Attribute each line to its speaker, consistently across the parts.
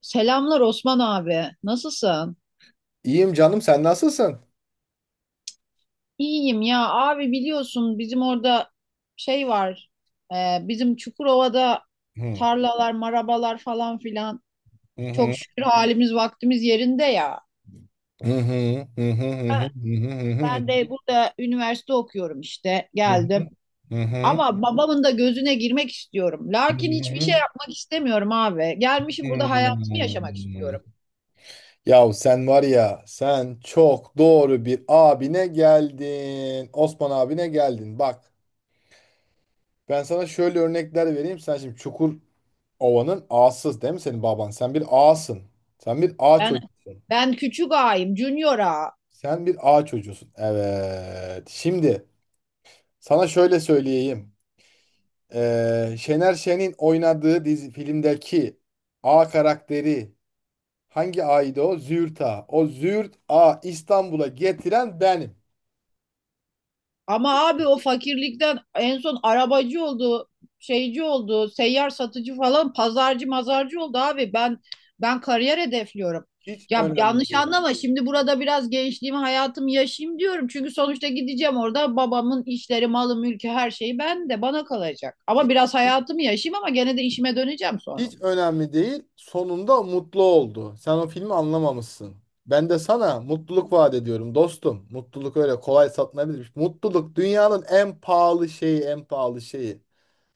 Speaker 1: Selamlar Osman abi. Nasılsın?
Speaker 2: İyiyim canım, sen nasılsın?
Speaker 1: İyiyim ya abi biliyorsun bizim orada şey var. Bizim Çukurova'da
Speaker 2: Hı
Speaker 1: tarlalar, marabalar falan filan.
Speaker 2: hı hı
Speaker 1: Çok şükür halimiz vaktimiz yerinde ya.
Speaker 2: hı hı hı hı
Speaker 1: Ha,
Speaker 2: hı
Speaker 1: ben de burada üniversite okuyorum işte. Geldim.
Speaker 2: hı hı hı.
Speaker 1: Ama babamın da gözüne girmek istiyorum. Lakin hiçbir şey yapmak istemiyorum abi. Gelmişim burada hayatımı yaşamak istiyorum.
Speaker 2: Yahu sen var ya, sen çok doğru bir abine geldin. Osman abine geldin. Bak, ben sana şöyle örnekler vereyim. Sen şimdi Çukurova'nın ağasız değil mi senin baban? Sen bir ağasın. Sen bir ağ
Speaker 1: Ben
Speaker 2: çocuğusun.
Speaker 1: ben küçük ağayım, junior ağa.
Speaker 2: Sen bir ağ çocuğusun. Evet. Şimdi sana şöyle söyleyeyim. Şener Şen'in oynadığı dizi filmdeki A karakteri, hangi A'ydı o? Züğürt A. O Züğürt A İstanbul'a getiren benim.
Speaker 1: Ama abi o fakirlikten en son arabacı oldu, şeyci oldu, seyyar satıcı falan, pazarcı mazarcı oldu abi. Ben kariyer hedefliyorum.
Speaker 2: Hiç
Speaker 1: Ya
Speaker 2: önemli
Speaker 1: yanlış
Speaker 2: değil.
Speaker 1: anlama, şimdi burada biraz gençliğimi hayatımı yaşayayım diyorum. Çünkü sonuçta gideceğim, orada babamın işleri, malı, mülkü her şeyi ben de bana kalacak. Ama
Speaker 2: Hiç,
Speaker 1: biraz hayatımı yaşayayım, ama gene de işime döneceğim sonra.
Speaker 2: hiç önemli değil. Sonunda mutlu oldu. Sen o filmi anlamamışsın. Ben de sana mutluluk vaat ediyorum dostum. Mutluluk öyle kolay satılabilir. Mutluluk dünyanın en pahalı şeyi, en pahalı şeyi.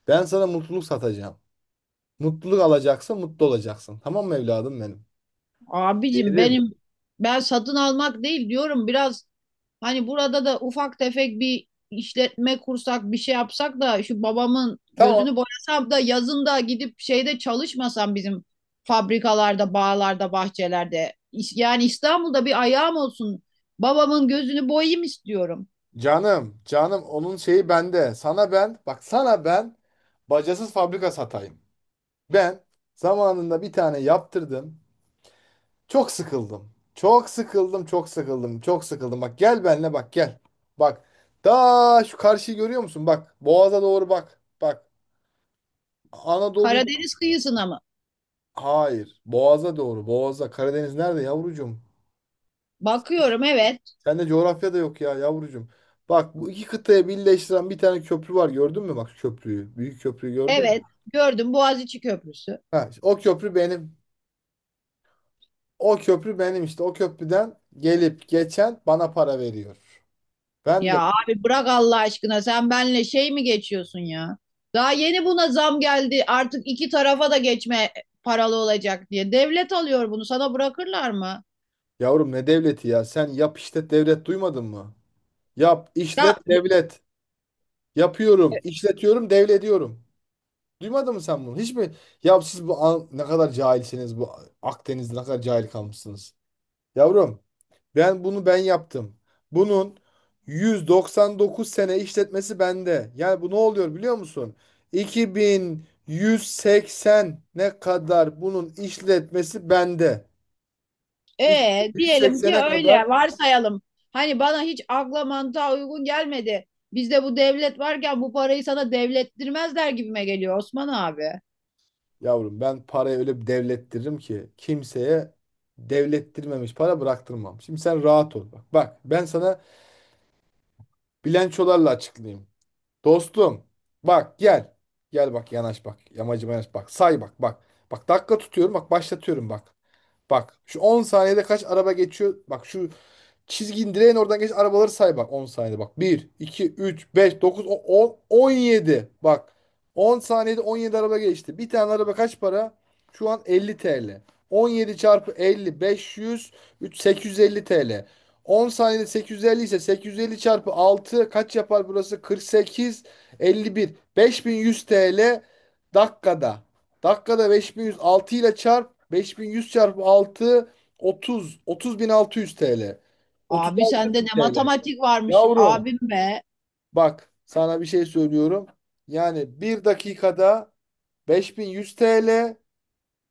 Speaker 2: Ben sana mutluluk satacağım. Mutluluk alacaksın, mutlu olacaksın. Tamam mı evladım benim?
Speaker 1: Abicim
Speaker 2: Yerim.
Speaker 1: benim, ben satın almak değil diyorum, biraz hani burada da ufak tefek bir işletme kursak, bir şey yapsak da şu babamın
Speaker 2: Tamam.
Speaker 1: gözünü boyasam da yazın da gidip şeyde çalışmasam bizim fabrikalarda, bağlarda, bahçelerde. Yani İstanbul'da bir ayağım olsun. Babamın gözünü boyayım istiyorum.
Speaker 2: Canım, canım onun şeyi bende. Sana ben, bak sana ben bacasız fabrika satayım. Ben zamanında bir tane yaptırdım. Çok sıkıldım. Çok sıkıldım, çok sıkıldım, çok sıkıldım. Bak gel benle, bak gel. Bak, daha şu karşıyı görüyor musun? Bak, Boğaz'a doğru bak. Bak, Anadolu ile...
Speaker 1: Karadeniz kıyısına mı?
Speaker 2: Hayır. Boğaz'a doğru. Boğaz'a. Karadeniz nerede yavrucuğum?
Speaker 1: Bakıyorum, evet.
Speaker 2: Sende coğrafya da yok ya yavrucuğum. Bak, bu iki kıtayı birleştiren bir tane köprü var, gördün mü? Bak şu köprüyü. Büyük köprüyü gördün mü?
Speaker 1: Evet. Gördüm, Boğaziçi Köprüsü.
Speaker 2: Ha, o köprü benim. O köprü benim işte. O köprüden gelip geçen bana para veriyor. Ben de.
Speaker 1: Ya abi bırak Allah aşkına, sen benle şey mi geçiyorsun ya? Daha yeni buna zam geldi, artık iki tarafa da geçme paralı olacak diye. Devlet alıyor bunu, sana bırakırlar mı?
Speaker 2: Yavrum, ne devleti ya? Sen yap işlet devlet duymadın mı? Yap
Speaker 1: Ya
Speaker 2: işlet devlet. Yapıyorum, işletiyorum, devrediyorum. Duymadın mı sen bunu? Hiç mi? Ya siz ne kadar cahilsiniz, bu Akdeniz'de ne kadar cahil kalmışsınız. Yavrum, ben bunu ben yaptım. Bunun 199 sene işletmesi bende. Yani bu ne oluyor biliyor musun? 2180 ne kadar bunun işletmesi bende.
Speaker 1: diyelim ki,
Speaker 2: 2180'e
Speaker 1: öyle
Speaker 2: kadar.
Speaker 1: varsayalım. Hani bana hiç akla mantığa uygun gelmedi. Bizde bu devlet varken bu parayı sana devlettirmezler gibime geliyor Osman abi.
Speaker 2: Yavrum, ben parayı öyle bir devlettiririm ki kimseye devlettirmemiş para bıraktırmam. Şimdi sen rahat ol, bak. Bak, ben sana bilançolarla açıklayayım. Dostum, bak gel. Gel bak, yanaş bak. Yamacıma yanaş bak. Say bak, bak. Bak, dakika tutuyorum bak, başlatıyorum bak. Bak şu 10 saniyede kaç araba geçiyor. Bak şu çizgin, indireyin oradan geç, arabaları say bak, 10 saniyede bak. Bir, iki, üç, beş, dokuz, on, on yedi. Bak, 10 saniyede 17 araba geçti. Bir tane araba kaç para? Şu an 50 TL. Yedi çarpı 50 500 3 850 TL. 10 saniyede 850 ise, 850 çarpı 6 kaç yapar burası? 48, 51, 5100 TL dakikada. Dakikada 5100, 6 ile çarp. 5100 çarpı 6, 30, 30600 TL.
Speaker 1: Abi
Speaker 2: 36
Speaker 1: sende
Speaker 2: bin
Speaker 1: ne
Speaker 2: TL.
Speaker 1: matematik varmış
Speaker 2: Yavrum,
Speaker 1: abim be.
Speaker 2: bak sana bir şey söylüyorum. Yani bir dakikada 5100 TL,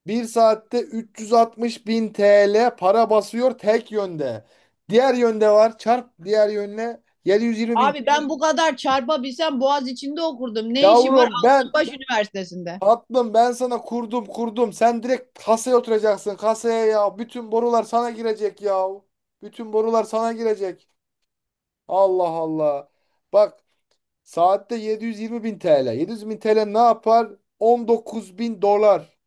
Speaker 2: bir saatte 360 bin TL para basıyor tek yönde. Diğer yönde var, çarp diğer yönüne, 720 bin.
Speaker 1: Abi ben bu kadar çarpabilsem Boğaz içinde okurdum. Ne işim var
Speaker 2: Yavrum ben,
Speaker 1: Altınbaş Üniversitesi'nde?
Speaker 2: tatlım ben sana kurdum kurdum. Sen direkt kasaya oturacaksın, kasaya ya. Bütün borular sana girecek ya. Bütün borular sana girecek. Allah Allah. Bak, saatte 720 bin TL. 700 bin TL ne yapar? 19 bin dolar.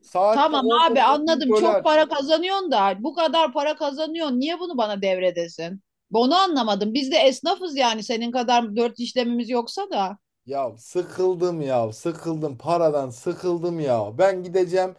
Speaker 2: Saatte
Speaker 1: Tamam abi,
Speaker 2: 19 bin
Speaker 1: anladım. Çok
Speaker 2: dolar.
Speaker 1: para kazanıyorsun da, bu kadar para kazanıyorsun. Niye bunu bana devredesin? Onu anlamadım. Biz de esnafız yani, senin kadar dört işlemimiz yoksa da.
Speaker 2: Ya sıkıldım, ya sıkıldım, paradan sıkıldım ya. Ben gideceğim,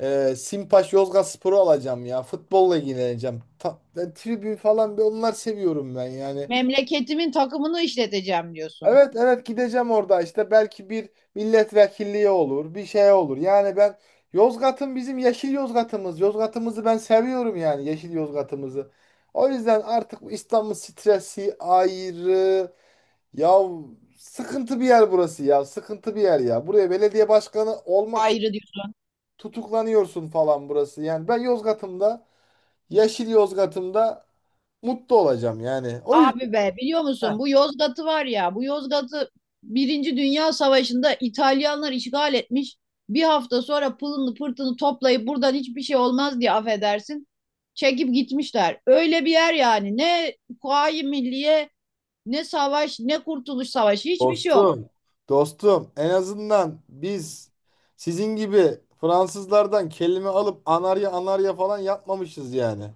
Speaker 2: Simpaş Yozgatspor'u alacağım ya. Futbolla ilgileneceğim. Ta, ben tribün falan bir, onlar seviyorum ben yani.
Speaker 1: Memleketimin takımını işleteceğim diyorsun.
Speaker 2: Evet evet, gideceğim orada işte, belki bir milletvekilliği olur, bir şey olur. Yani ben Yozgat'ın bizim yeşil Yozgat'ımız. Yozgat'ımızı ben seviyorum yani, yeşil Yozgat'ımızı. O yüzden artık bu İstanbul stresi ayrı. Ya, sıkıntı bir yer burası, ya sıkıntı bir yer ya. Buraya belediye başkanı olmak için
Speaker 1: Ayrı diyorsun.
Speaker 2: tutuklanıyorsun falan, burası. Yani ben Yozgat'ımda, yeşil Yozgat'ımda mutlu olacağım yani. O yüzden.
Speaker 1: Abi be, biliyor musun bu Yozgat'ı, var ya bu Yozgat'ı Birinci Dünya Savaşı'nda İtalyanlar işgal etmiş. Bir hafta sonra pılını pırtını toplayıp buradan hiçbir şey olmaz diye, affedersin, çekip gitmişler. Öyle bir yer yani, ne Kuvayi Milliye, ne savaş, ne Kurtuluş Savaşı, hiçbir şey yok.
Speaker 2: Dostum, dostum, en azından biz sizin gibi Fransızlardan kelime alıp anarya anarya falan yapmamışız yani.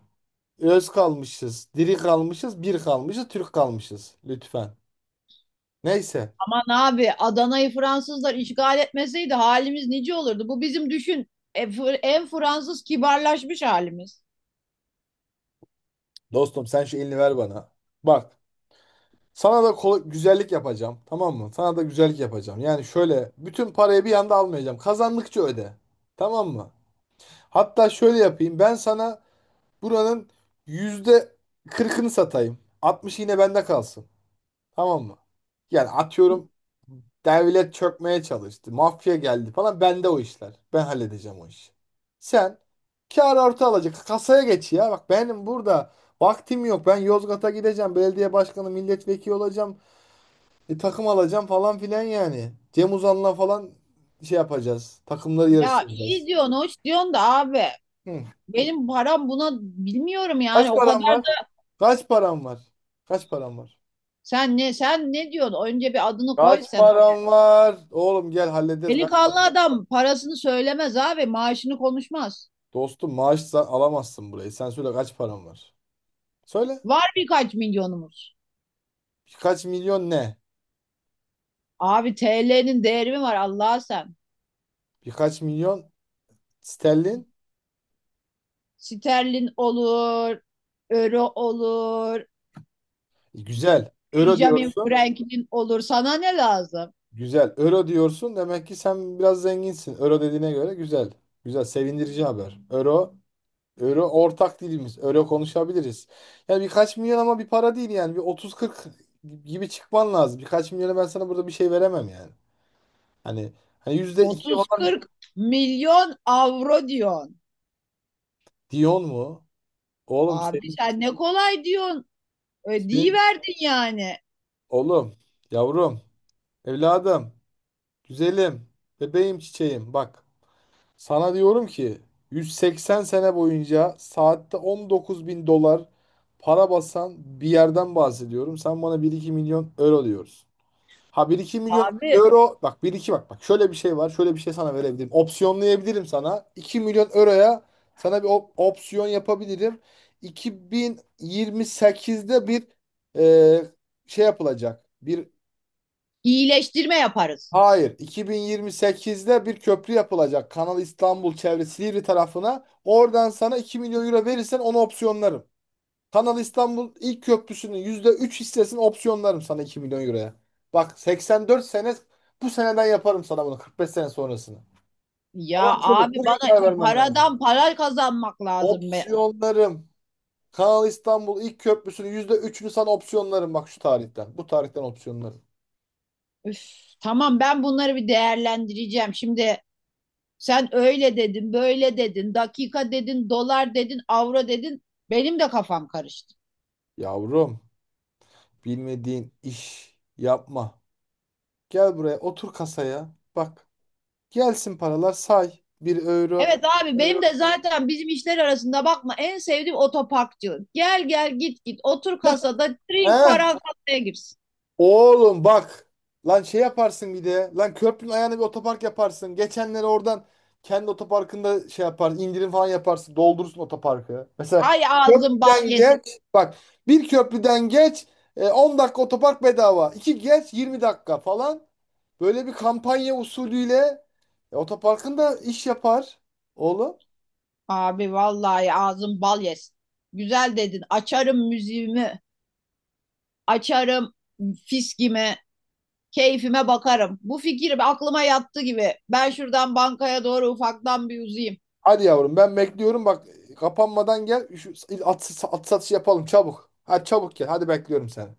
Speaker 2: Öz kalmışız, diri kalmışız, bir kalmışız, Türk kalmışız. Lütfen. Neyse.
Speaker 1: Aman abi, Adana'yı Fransızlar işgal etmeseydi halimiz nice olurdu. Bu bizim düşün en Fransız kibarlaşmış halimiz.
Speaker 2: Dostum, sen şu elini ver bana. Bak, sana da güzellik yapacağım. Tamam mı? Sana da güzellik yapacağım. Yani şöyle, bütün parayı bir anda almayacağım. Kazandıkça öde. Tamam mı? Hatta şöyle yapayım. Ben sana buranın yüzde 40'ını satayım. 60 yine bende kalsın. Tamam mı? Yani
Speaker 1: Hı.
Speaker 2: atıyorum devlet çökmeye çalıştı, mafya geldi falan. Bende o işler. Ben halledeceğim o işi. Sen kâr artı alacak. Kasaya geç ya. Bak, benim burada vaktim yok. Ben Yozgat'a gideceğim. Belediye başkanı, milletvekili olacağım. Takım alacağım falan filan yani. Cem Uzan'la falan şey yapacağız. Takımları
Speaker 1: Ya iyi
Speaker 2: yarıştıracağız.
Speaker 1: diyorsun, hoş diyorsun da abi.
Speaker 2: Hı.
Speaker 1: Benim param buna bilmiyorum yani,
Speaker 2: Kaç
Speaker 1: o
Speaker 2: param
Speaker 1: kadar
Speaker 2: var?
Speaker 1: da
Speaker 2: Kaç param var? Kaç param var?
Speaker 1: sen ne diyorsun? Önce bir adını koy
Speaker 2: Kaç
Speaker 1: sen.
Speaker 2: param var? Oğlum gel, hallederiz kaç
Speaker 1: Delikanlı
Speaker 2: para.
Speaker 1: adam parasını söylemez abi, maaşını konuşmaz.
Speaker 2: Dostum, alamazsın burayı. Sen söyle, kaç param var? Söyle.
Speaker 1: Var birkaç milyonumuz.
Speaker 2: Birkaç milyon ne?
Speaker 1: Abi TL'nin değeri mi var Allah'a sen?
Speaker 2: Birkaç milyon sterlin.
Speaker 1: Sterling olur, Euro olur,
Speaker 2: Güzel. Euro
Speaker 1: Benjamin
Speaker 2: diyorsun.
Speaker 1: Franklin olur. Sana ne lazım?
Speaker 2: Güzel. Euro diyorsun. Demek ki sen biraz zenginsin. Euro dediğine göre güzel. Güzel. Sevindirici haber. Euro. Euro ortak dilimiz. Euro konuşabiliriz. Yani birkaç milyon ama bir para değil yani. Bir otuz kırk gibi çıkman lazım. Birkaç milyona ben sana burada bir şey veremem yani. Hani, %2
Speaker 1: Otuz
Speaker 2: falan.
Speaker 1: kırk milyon avro diyorsun.
Speaker 2: Dion mu? Oğlum
Speaker 1: Abi
Speaker 2: senin,
Speaker 1: sen ne kolay diyorsun. Ödeyi
Speaker 2: senin
Speaker 1: verdin yani.
Speaker 2: oğlum, yavrum, evladım, güzelim, bebeğim, çiçeğim. Bak, sana diyorum ki 180 sene boyunca saatte 19 bin dolar para basan bir yerden bahsediyorum. Sen bana bir 2 milyon euro diyorsun. Ha, bir iki milyon
Speaker 1: Abi
Speaker 2: euro, bak bir iki, bak şöyle bir şey var, şöyle bir şey sana verebilirim. Opsiyonlayabilirim sana. 2 milyon euroya sana bir opsiyon yapabilirim. 2028'de bir, e, şey yapılacak.
Speaker 1: iyileştirme yaparız.
Speaker 2: Hayır, 2028'de bir köprü yapılacak. Kanal İstanbul çevresi, Silivri tarafına. Oradan sana 2 milyon euro verirsen onu opsiyonlarım. Kanal İstanbul ilk köprüsünün %3 hissesini opsiyonlarım sana, 2 milyon euroya. Bak, 84 sene, bu seneden yaparım sana bunu, 45 sene sonrasını. Ama
Speaker 1: Ya
Speaker 2: çabuk,
Speaker 1: abi
Speaker 2: bugün
Speaker 1: bana
Speaker 2: karar vermen lazım.
Speaker 1: paradan para kazanmak lazım be.
Speaker 2: Opsiyonlarım. Kanal İstanbul ilk köprüsünün %3'ünü sana opsiyonlarım bak, şu tarihten. Bu tarihten opsiyonlarım.
Speaker 1: Üf, tamam, ben bunları bir değerlendireceğim. Şimdi sen öyle dedin, böyle dedin, dakika dedin, dolar dedin, avro dedin. Benim de kafam karıştı.
Speaker 2: Yavrum, bilmediğin iş yapma. Gel buraya, otur kasaya. Bak, gelsin paralar, say. Bir euro.
Speaker 1: Evet
Speaker 2: İki
Speaker 1: abi, benim
Speaker 2: euro.
Speaker 1: de zaten bizim işler arasında bakma en sevdiğim otoparkçılık. Gel gel git git, otur kasada, drink
Speaker 2: He?
Speaker 1: paran kasaya girsin.
Speaker 2: Oğlum bak. Lan şey yaparsın bir de. Lan, köprünün ayağına bir otopark yaparsın. Geçenleri oradan kendi otoparkında şey yapar, indirim falan yaparsın. Doldurursun otoparkı. Mesela
Speaker 1: Hay ağzın bal
Speaker 2: köprüden
Speaker 1: yesin.
Speaker 2: geç. Bak, bir köprüden geç. 10 dakika otopark bedava. İki geç, 20 dakika falan. Böyle bir kampanya usulüyle otoparkın da iş yapar oğlum.
Speaker 1: Abi vallahi ağzın bal yesin. Güzel dedin, açarım müziğimi, açarım fiskimi, keyfime bakarım. Bu fikir aklıma yattı gibi, ben şuradan bankaya doğru ufaktan bir uzayım.
Speaker 2: Hadi yavrum, ben bekliyorum bak, kapanmadan gel şu at satışı yapalım çabuk. Hadi çabuk gel, hadi bekliyorum seni.